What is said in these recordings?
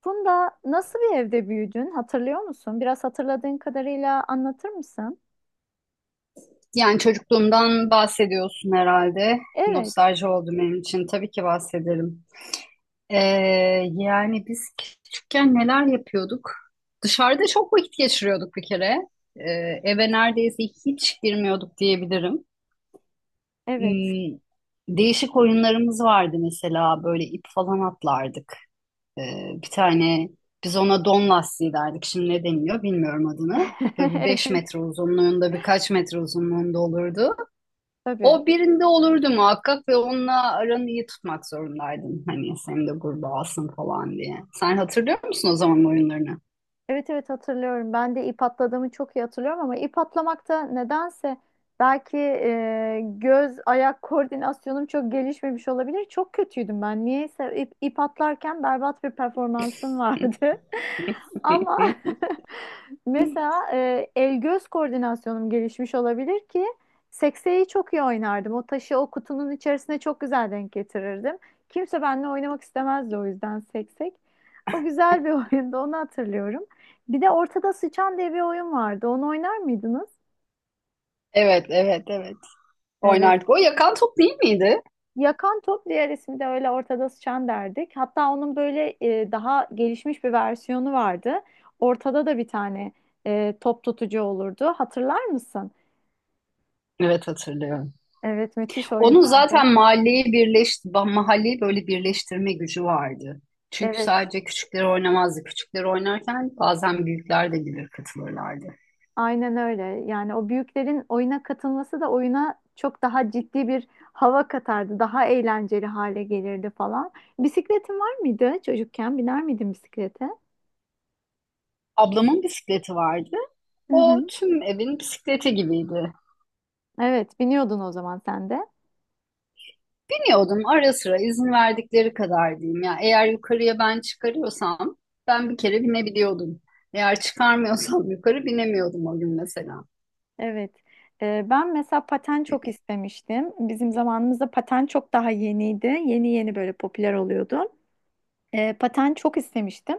Funda nasıl bir evde büyüdün hatırlıyor musun? Biraz hatırladığın kadarıyla anlatır mısın? Yani çocukluğumdan bahsediyorsun herhalde. Evet, Nostalji oldu benim için. Tabii ki bahsederim. Ee, yani biz küçükken neler yapıyorduk? Dışarıda çok vakit geçiriyorduk bir kere. Ee, eve neredeyse hiç girmiyorduk diyebilirim. evet. Hmm, değişik oyunlarımız vardı mesela. Böyle ip falan atlardık. Ee, bir tane biz ona don lastiği derdik. Şimdi ne deniyor bilmiyorum adını. Böyle bir 5 Evet, metre uzunluğunda, birkaç metre uzunluğunda olurdu. tabii. O birinde olurdu muhakkak ve onunla aranı iyi tutmak zorundaydın. Hani seni de gruba alsın falan diye. Sen hatırlıyor musun o zaman oyunlarını? Evet, evet, hatırlıyorum. Ben de ip atladığımı çok iyi hatırlıyorum ama ip atlamakta nedense belki göz ayak koordinasyonum çok gelişmemiş olabilir. Çok kötüydüm ben. Niyeyse ip atlarken berbat bir performansım vardı. Ama mesela el göz koordinasyonum gelişmiş olabilir ki sekseyi çok iyi oynardım. O taşı o kutunun içerisine çok güzel denk getirirdim. Kimse benimle oynamak istemezdi o yüzden seksek. O güzel bir oyundu, onu hatırlıyorum. Bir de Ortada Sıçan diye bir oyun vardı. Onu oynar mıydınız? Evet, evet, evet. Evet. Oynardık. O yakan top değil miydi? Yakan top, diğer ismi de öyle, ortada sıçan derdik. Hatta onun böyle daha gelişmiş bir versiyonu vardı. Ortada da bir tane top tutucu olurdu. Hatırlar mısın? Evet, hatırlıyorum. Evet, müthiş Onun oyunlardı. zaten mahalleyi böyle birleştirme gücü vardı. Çünkü Evet, sadece küçükleri oynamazdı. Küçükleri oynarken bazen büyükler de gelir katılırlardı. aynen öyle. Yani o büyüklerin oyuna katılması da oyuna çok daha ciddi bir hava katardı. Daha eğlenceli hale gelirdi falan. Bisikletin var mıydı çocukken? Biner miydin bisiklete? Ablamın bisikleti vardı. Hı O hı. tüm evin bisikleti gibiydi. Evet, biniyordun o zaman sen de. Biniyordum ara sıra, izin verdikleri kadar diyeyim ya. Eğer yukarıya ben çıkarıyorsam ben bir kere binebiliyordum. Eğer çıkarmıyorsam yukarı binemiyordum o gün mesela. Evet. Ben mesela paten çok istemiştim. Bizim zamanımızda paten çok daha yeniydi. Yeni yeni böyle popüler oluyordu. Paten çok istemiştim.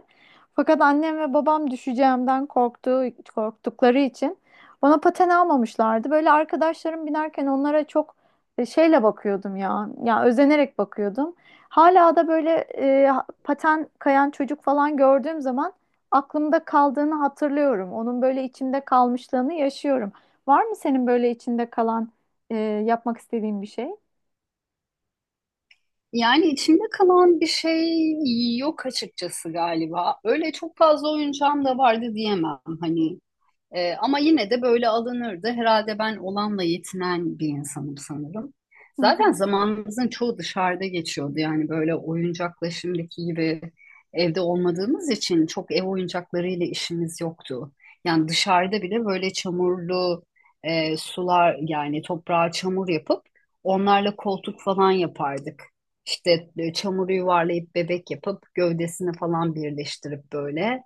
Fakat annem ve babam düşeceğimden korktuğu, korktukları için bana paten almamışlardı. Böyle arkadaşlarım binerken onlara çok şeyle bakıyordum ya. Ya özenerek bakıyordum. Hala da böyle paten kayan çocuk falan gördüğüm zaman aklımda kaldığını hatırlıyorum. Onun böyle içimde kalmışlığını yaşıyorum. Var mı senin böyle içinde kalan e, yapmak istediğin bir şey? Yani içimde kalan bir şey yok açıkçası galiba. Öyle çok fazla oyuncağım da vardı diyemem. Hani ama yine de böyle alınırdı. Herhalde ben olanla yetinen bir insanım sanırım. Hı Zaten hı. zamanımızın çoğu dışarıda geçiyordu. Yani böyle oyuncakla şimdiki gibi evde olmadığımız için çok ev oyuncaklarıyla işimiz yoktu. Yani dışarıda bile böyle çamurlu sular, yani toprağa çamur yapıp onlarla koltuk falan yapardık. İşte çamuru yuvarlayıp bebek yapıp gövdesini falan birleştirip, böyle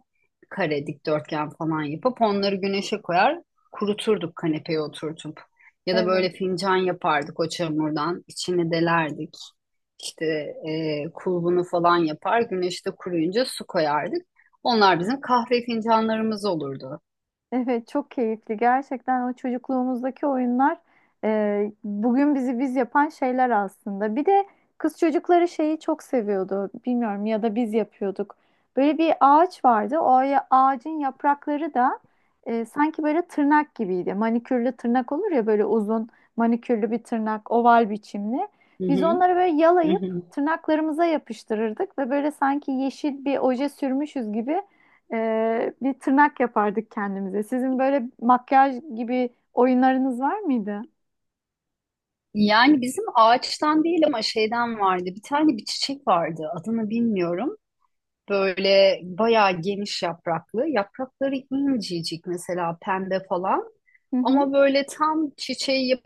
kare, dikdörtgen falan yapıp onları güneşe koyar, kuruturduk kanepeye oturtup. Ya da Evet. böyle fincan yapardık o çamurdan, içine delerdik. İşte kulbunu falan yapar, güneşte kuruyunca su koyardık. Onlar bizim kahve fincanlarımız olurdu. Evet, çok keyifli. Gerçekten o çocukluğumuzdaki oyunlar bugün bizi biz yapan şeyler aslında. Bir de kız çocukları şeyi çok seviyordu. Bilmiyorum ya da biz yapıyorduk. Böyle bir ağaç vardı. Ağacın yaprakları da sanki böyle tırnak gibiydi. Manikürlü tırnak olur ya böyle uzun manikürlü bir tırnak, oval biçimli. Hı Biz hı, onları böyle hı yalayıp hı. tırnaklarımıza yapıştırırdık ve böyle sanki yeşil bir oje sürmüşüz gibi bir tırnak yapardık kendimize. Sizin böyle makyaj gibi oyunlarınız var mıydı? Yani bizim ağaçtan değil ama şeyden vardı. Bir tane bir çiçek vardı. Adını bilmiyorum. Böyle bayağı geniş yapraklı. Yaprakları incecik, mesela pembe falan. Hı hı, Ama böyle tam çiçeği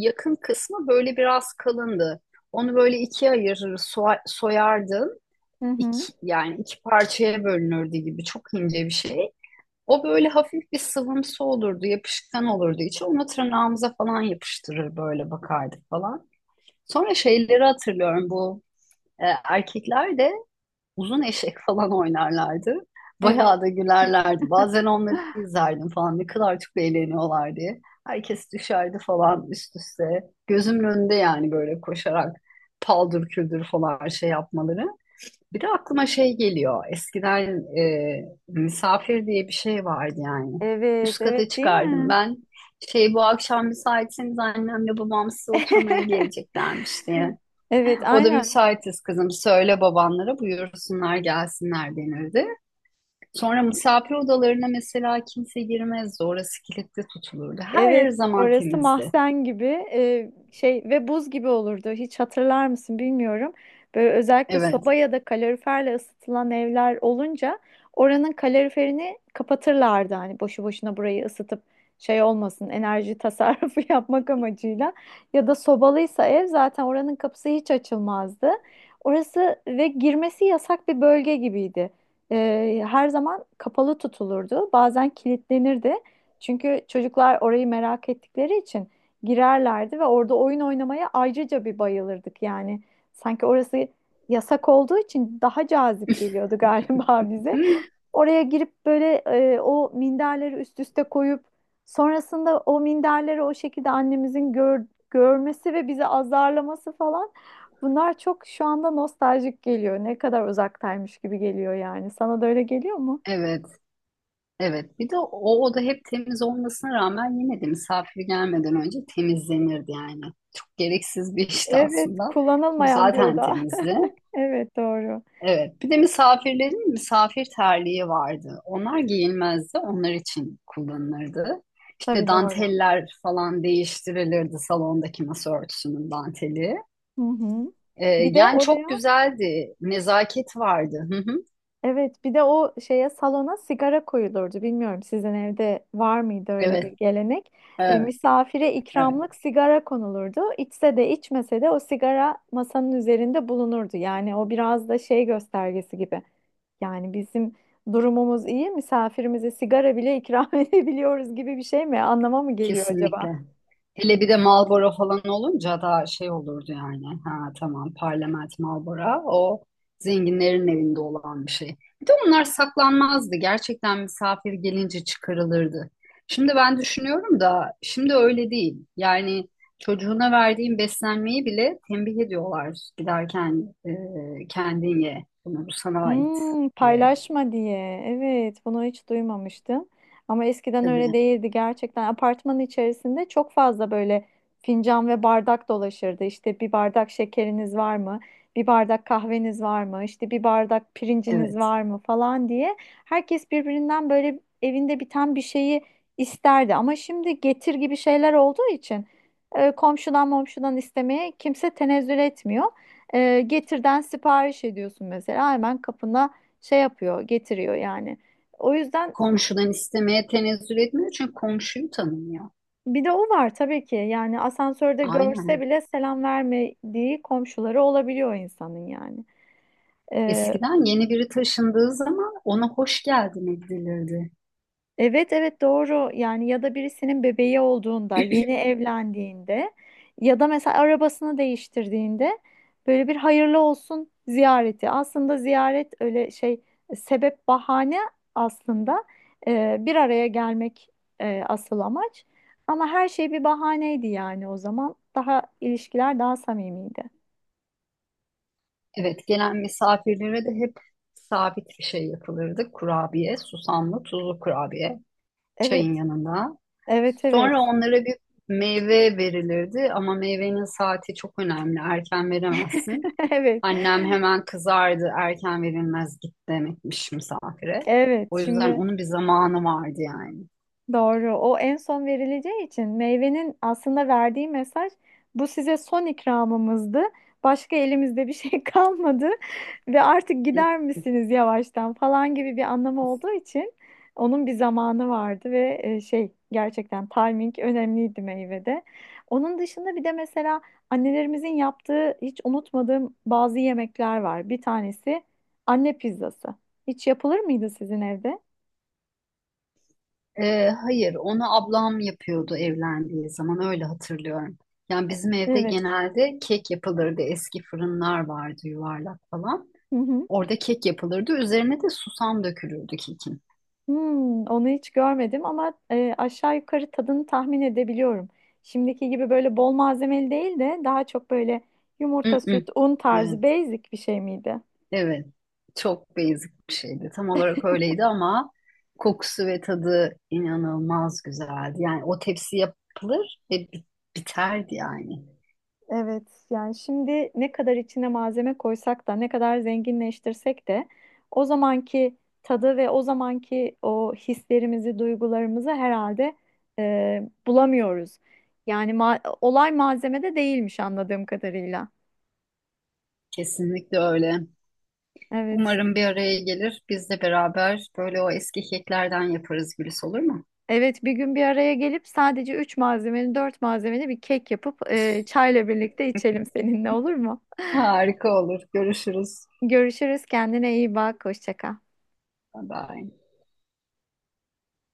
yakın kısmı böyle biraz kalındı. Onu böyle ikiye ayırır, soyardın. hı hı. İki, yani iki parçaya bölünürdü gibi çok ince bir şey. O böyle hafif bir sıvımsı olurdu, yapışkan olurdu içi. Onu tırnağımıza falan yapıştırır, böyle bakardık falan. Sonra şeyleri hatırlıyorum, bu erkekler de uzun eşek falan oynarlardı. Evet, Bayağı da gülerlerdi. Bazen onları izlerdim falan, ne kadar çok eğleniyorlar diye. Herkes düşerdi falan üst üste. Gözümün önünde yani, böyle koşarak paldır küldür falan şey yapmaları. Bir de aklıma şey geliyor. Eskiden misafir diye bir şey vardı yani. evet, Üst kata evet, değil çıkardım mi? ben. Şey, bu akşam müsaitseniz annemle babam size oturmaya geleceklermiş diye. Evet, O da aynen. müsaitiz kızım, söyle babanlara buyursunlar gelsinler denirdi. Sonra misafir odalarına mesela kimse girmezdi. Orası kilitli tutulurdu. Her Evet, zaman orası temizdi. mahzen gibi şey ve buz gibi olurdu. Hiç hatırlar mısın bilmiyorum. Böyle özellikle Evet. soba ya da kaloriferle ısıtılan evler olunca oranın kaloriferini kapatırlardı. Hani boşu boşuna burayı ısıtıp şey olmasın, enerji tasarrufu yapmak amacıyla. Ya da sobalıysa ev, zaten oranın kapısı hiç açılmazdı. Orası ve girmesi yasak bir bölge gibiydi. Her zaman kapalı tutulurdu. Bazen kilitlenirdi. Çünkü çocuklar orayı merak ettikleri için girerlerdi ve orada oyun oynamaya ayrıca bir bayılırdık yani. Sanki orası yasak olduğu için daha cazip geliyordu galiba bize. Hı, Oraya girip böyle o minderleri üst üste koyup sonrasında o minderleri o şekilde annemizin görmesi ve bizi azarlaması falan, bunlar çok şu anda nostaljik geliyor. Ne kadar uzaktaymış gibi geliyor yani. Sana da öyle geliyor mu? evet. Evet. Bir de o oda hep temiz olmasına rağmen yine de misafir gelmeden önce temizlenirdi yani. Çok gereksiz bir işti Evet, aslında. Çünkü kullanılmayan bir zaten oda. temizdi. Evet, doğru. Evet. Bir de misafirlerin misafir terliği vardı. Onlar giyilmezdi, onlar için kullanılırdı. İşte Tabii, doğru. danteller falan değiştirilirdi, salondaki masa örtüsünün danteli. Hı hı. Ee, Bir de yani çok oraya, güzeldi. Nezaket vardı. Hı hı. evet, bir de o şeye, salona sigara koyulurdu. Bilmiyorum sizin evde var mıydı öyle bir Evet. gelenek? Evet. Misafire Evet. ikramlık sigara konulurdu. İçse de içmese de o sigara masanın üzerinde bulunurdu. Yani o biraz da şey göstergesi gibi. Yani bizim durumumuz iyi, misafirimize sigara bile ikram edebiliyoruz gibi bir şey mi? Anlama mı geliyor acaba? Kesinlikle. Hele bir de Marlboro falan olunca daha şey olurdu yani. Ha tamam, Parlament Marlboro o zenginlerin evinde olan bir şey. Bir de onlar saklanmazdı. Gerçekten misafir gelince çıkarılırdı. Şimdi ben düşünüyorum da şimdi öyle değil. Yani çocuğuna verdiğin beslenmeyi bile tembih ediyorlar giderken, kendin ye, bunu bu sana ait Hmm, diye. paylaşma diye. Evet, bunu hiç duymamıştım. Ama eskiden Tabii, öyle değildi gerçekten. Apartmanın içerisinde çok fazla böyle fincan ve bardak dolaşırdı. İşte bir bardak şekeriniz var mı? Bir bardak kahveniz var mı? İşte bir bardak pirinciniz evet. var mı falan diye. Herkes birbirinden böyle evinde biten bir şeyi isterdi. Ama şimdi Getir gibi şeyler olduğu için komşudan momşudan istemeye kimse tenezzül etmiyor. Getir'den sipariş ediyorsun mesela, hemen kapına şey yapıyor, getiriyor yani. O yüzden Komşudan istemeye tenezzül etmiyor çünkü komşuyu tanımıyor. bir de o var tabii ki. Yani asansörde görse Aynen. bile selam vermediği komşuları olabiliyor insanın yani. Eskiden yeni biri taşındığı zaman ona hoş geldin edilirdi. Evet, evet, doğru yani, ya da birisinin bebeği olduğunda, yeni evlendiğinde ya da mesela arabasını değiştirdiğinde böyle bir hayırlı olsun ziyareti. Aslında ziyaret öyle şey, sebep bahane aslında. Bir araya gelmek asıl amaç ama her şey bir bahaneydi yani, o zaman daha ilişkiler daha samimiydi. Evet, gelen misafirlere de hep sabit bir şey yapılırdı. Kurabiye, susamlı, tuzlu kurabiye çayın Evet, yanında. evet, evet. Sonra onlara bir meyve verilirdi ama meyvenin saati çok önemli. Erken veremezsin. Evet, Annem hemen kızardı. Erken verilmez, git demekmiş misafire. evet, O yüzden şimdi. onun bir zamanı vardı yani. Doğru. O en son verileceği için meyvenin aslında verdiği mesaj, bu size son ikramımızdı. Başka elimizde bir şey kalmadı ve artık gider misiniz yavaştan falan gibi bir anlamı olduğu için onun bir zamanı vardı ve şey, gerçekten timing önemliydi meyvede. Onun dışında bir de mesela annelerimizin yaptığı hiç unutmadığım bazı yemekler var. Bir tanesi anne pizzası. Hiç yapılır mıydı sizin evde? Hayır, onu ablam yapıyordu evlendiği zaman, öyle hatırlıyorum. Yani bizim evde Evet. genelde kek yapılırdı. Eski fırınlar vardı, yuvarlak falan. Hı hı. Orada kek yapılırdı. Üzerine de susam dökülürdü kekin. Hmm, onu hiç görmedim ama aşağı yukarı tadını tahmin edebiliyorum. Şimdiki gibi böyle bol malzemeli değil de daha çok böyle Mm, yumurta, mm. süt, un tarzı Evet, basic bir şey miydi? evet. Çok basic bir şeydi. Tam olarak öyleydi ama kokusu ve tadı inanılmaz güzeldi. Yani o tepsi yapılır ve biterdi yani. Evet, yani şimdi ne kadar içine malzeme koysak da ne kadar zenginleştirsek de o zamanki tadı ve o zamanki o hislerimizi, duygularımızı herhalde bulamıyoruz. Yani olay malzemede değilmiş anladığım kadarıyla. Kesinlikle öyle. Evet. Umarım bir araya gelir. Biz de beraber böyle o eski keklerden yaparız Gülis, olur mu? Evet, bir gün bir araya gelip sadece üç malzemeli, dört malzemeli bir kek yapıp çayla birlikte içelim seninle, olur mu? Harika olur. Görüşürüz. Görüşürüz, kendine iyi bak, hoşça kal. Bye bye.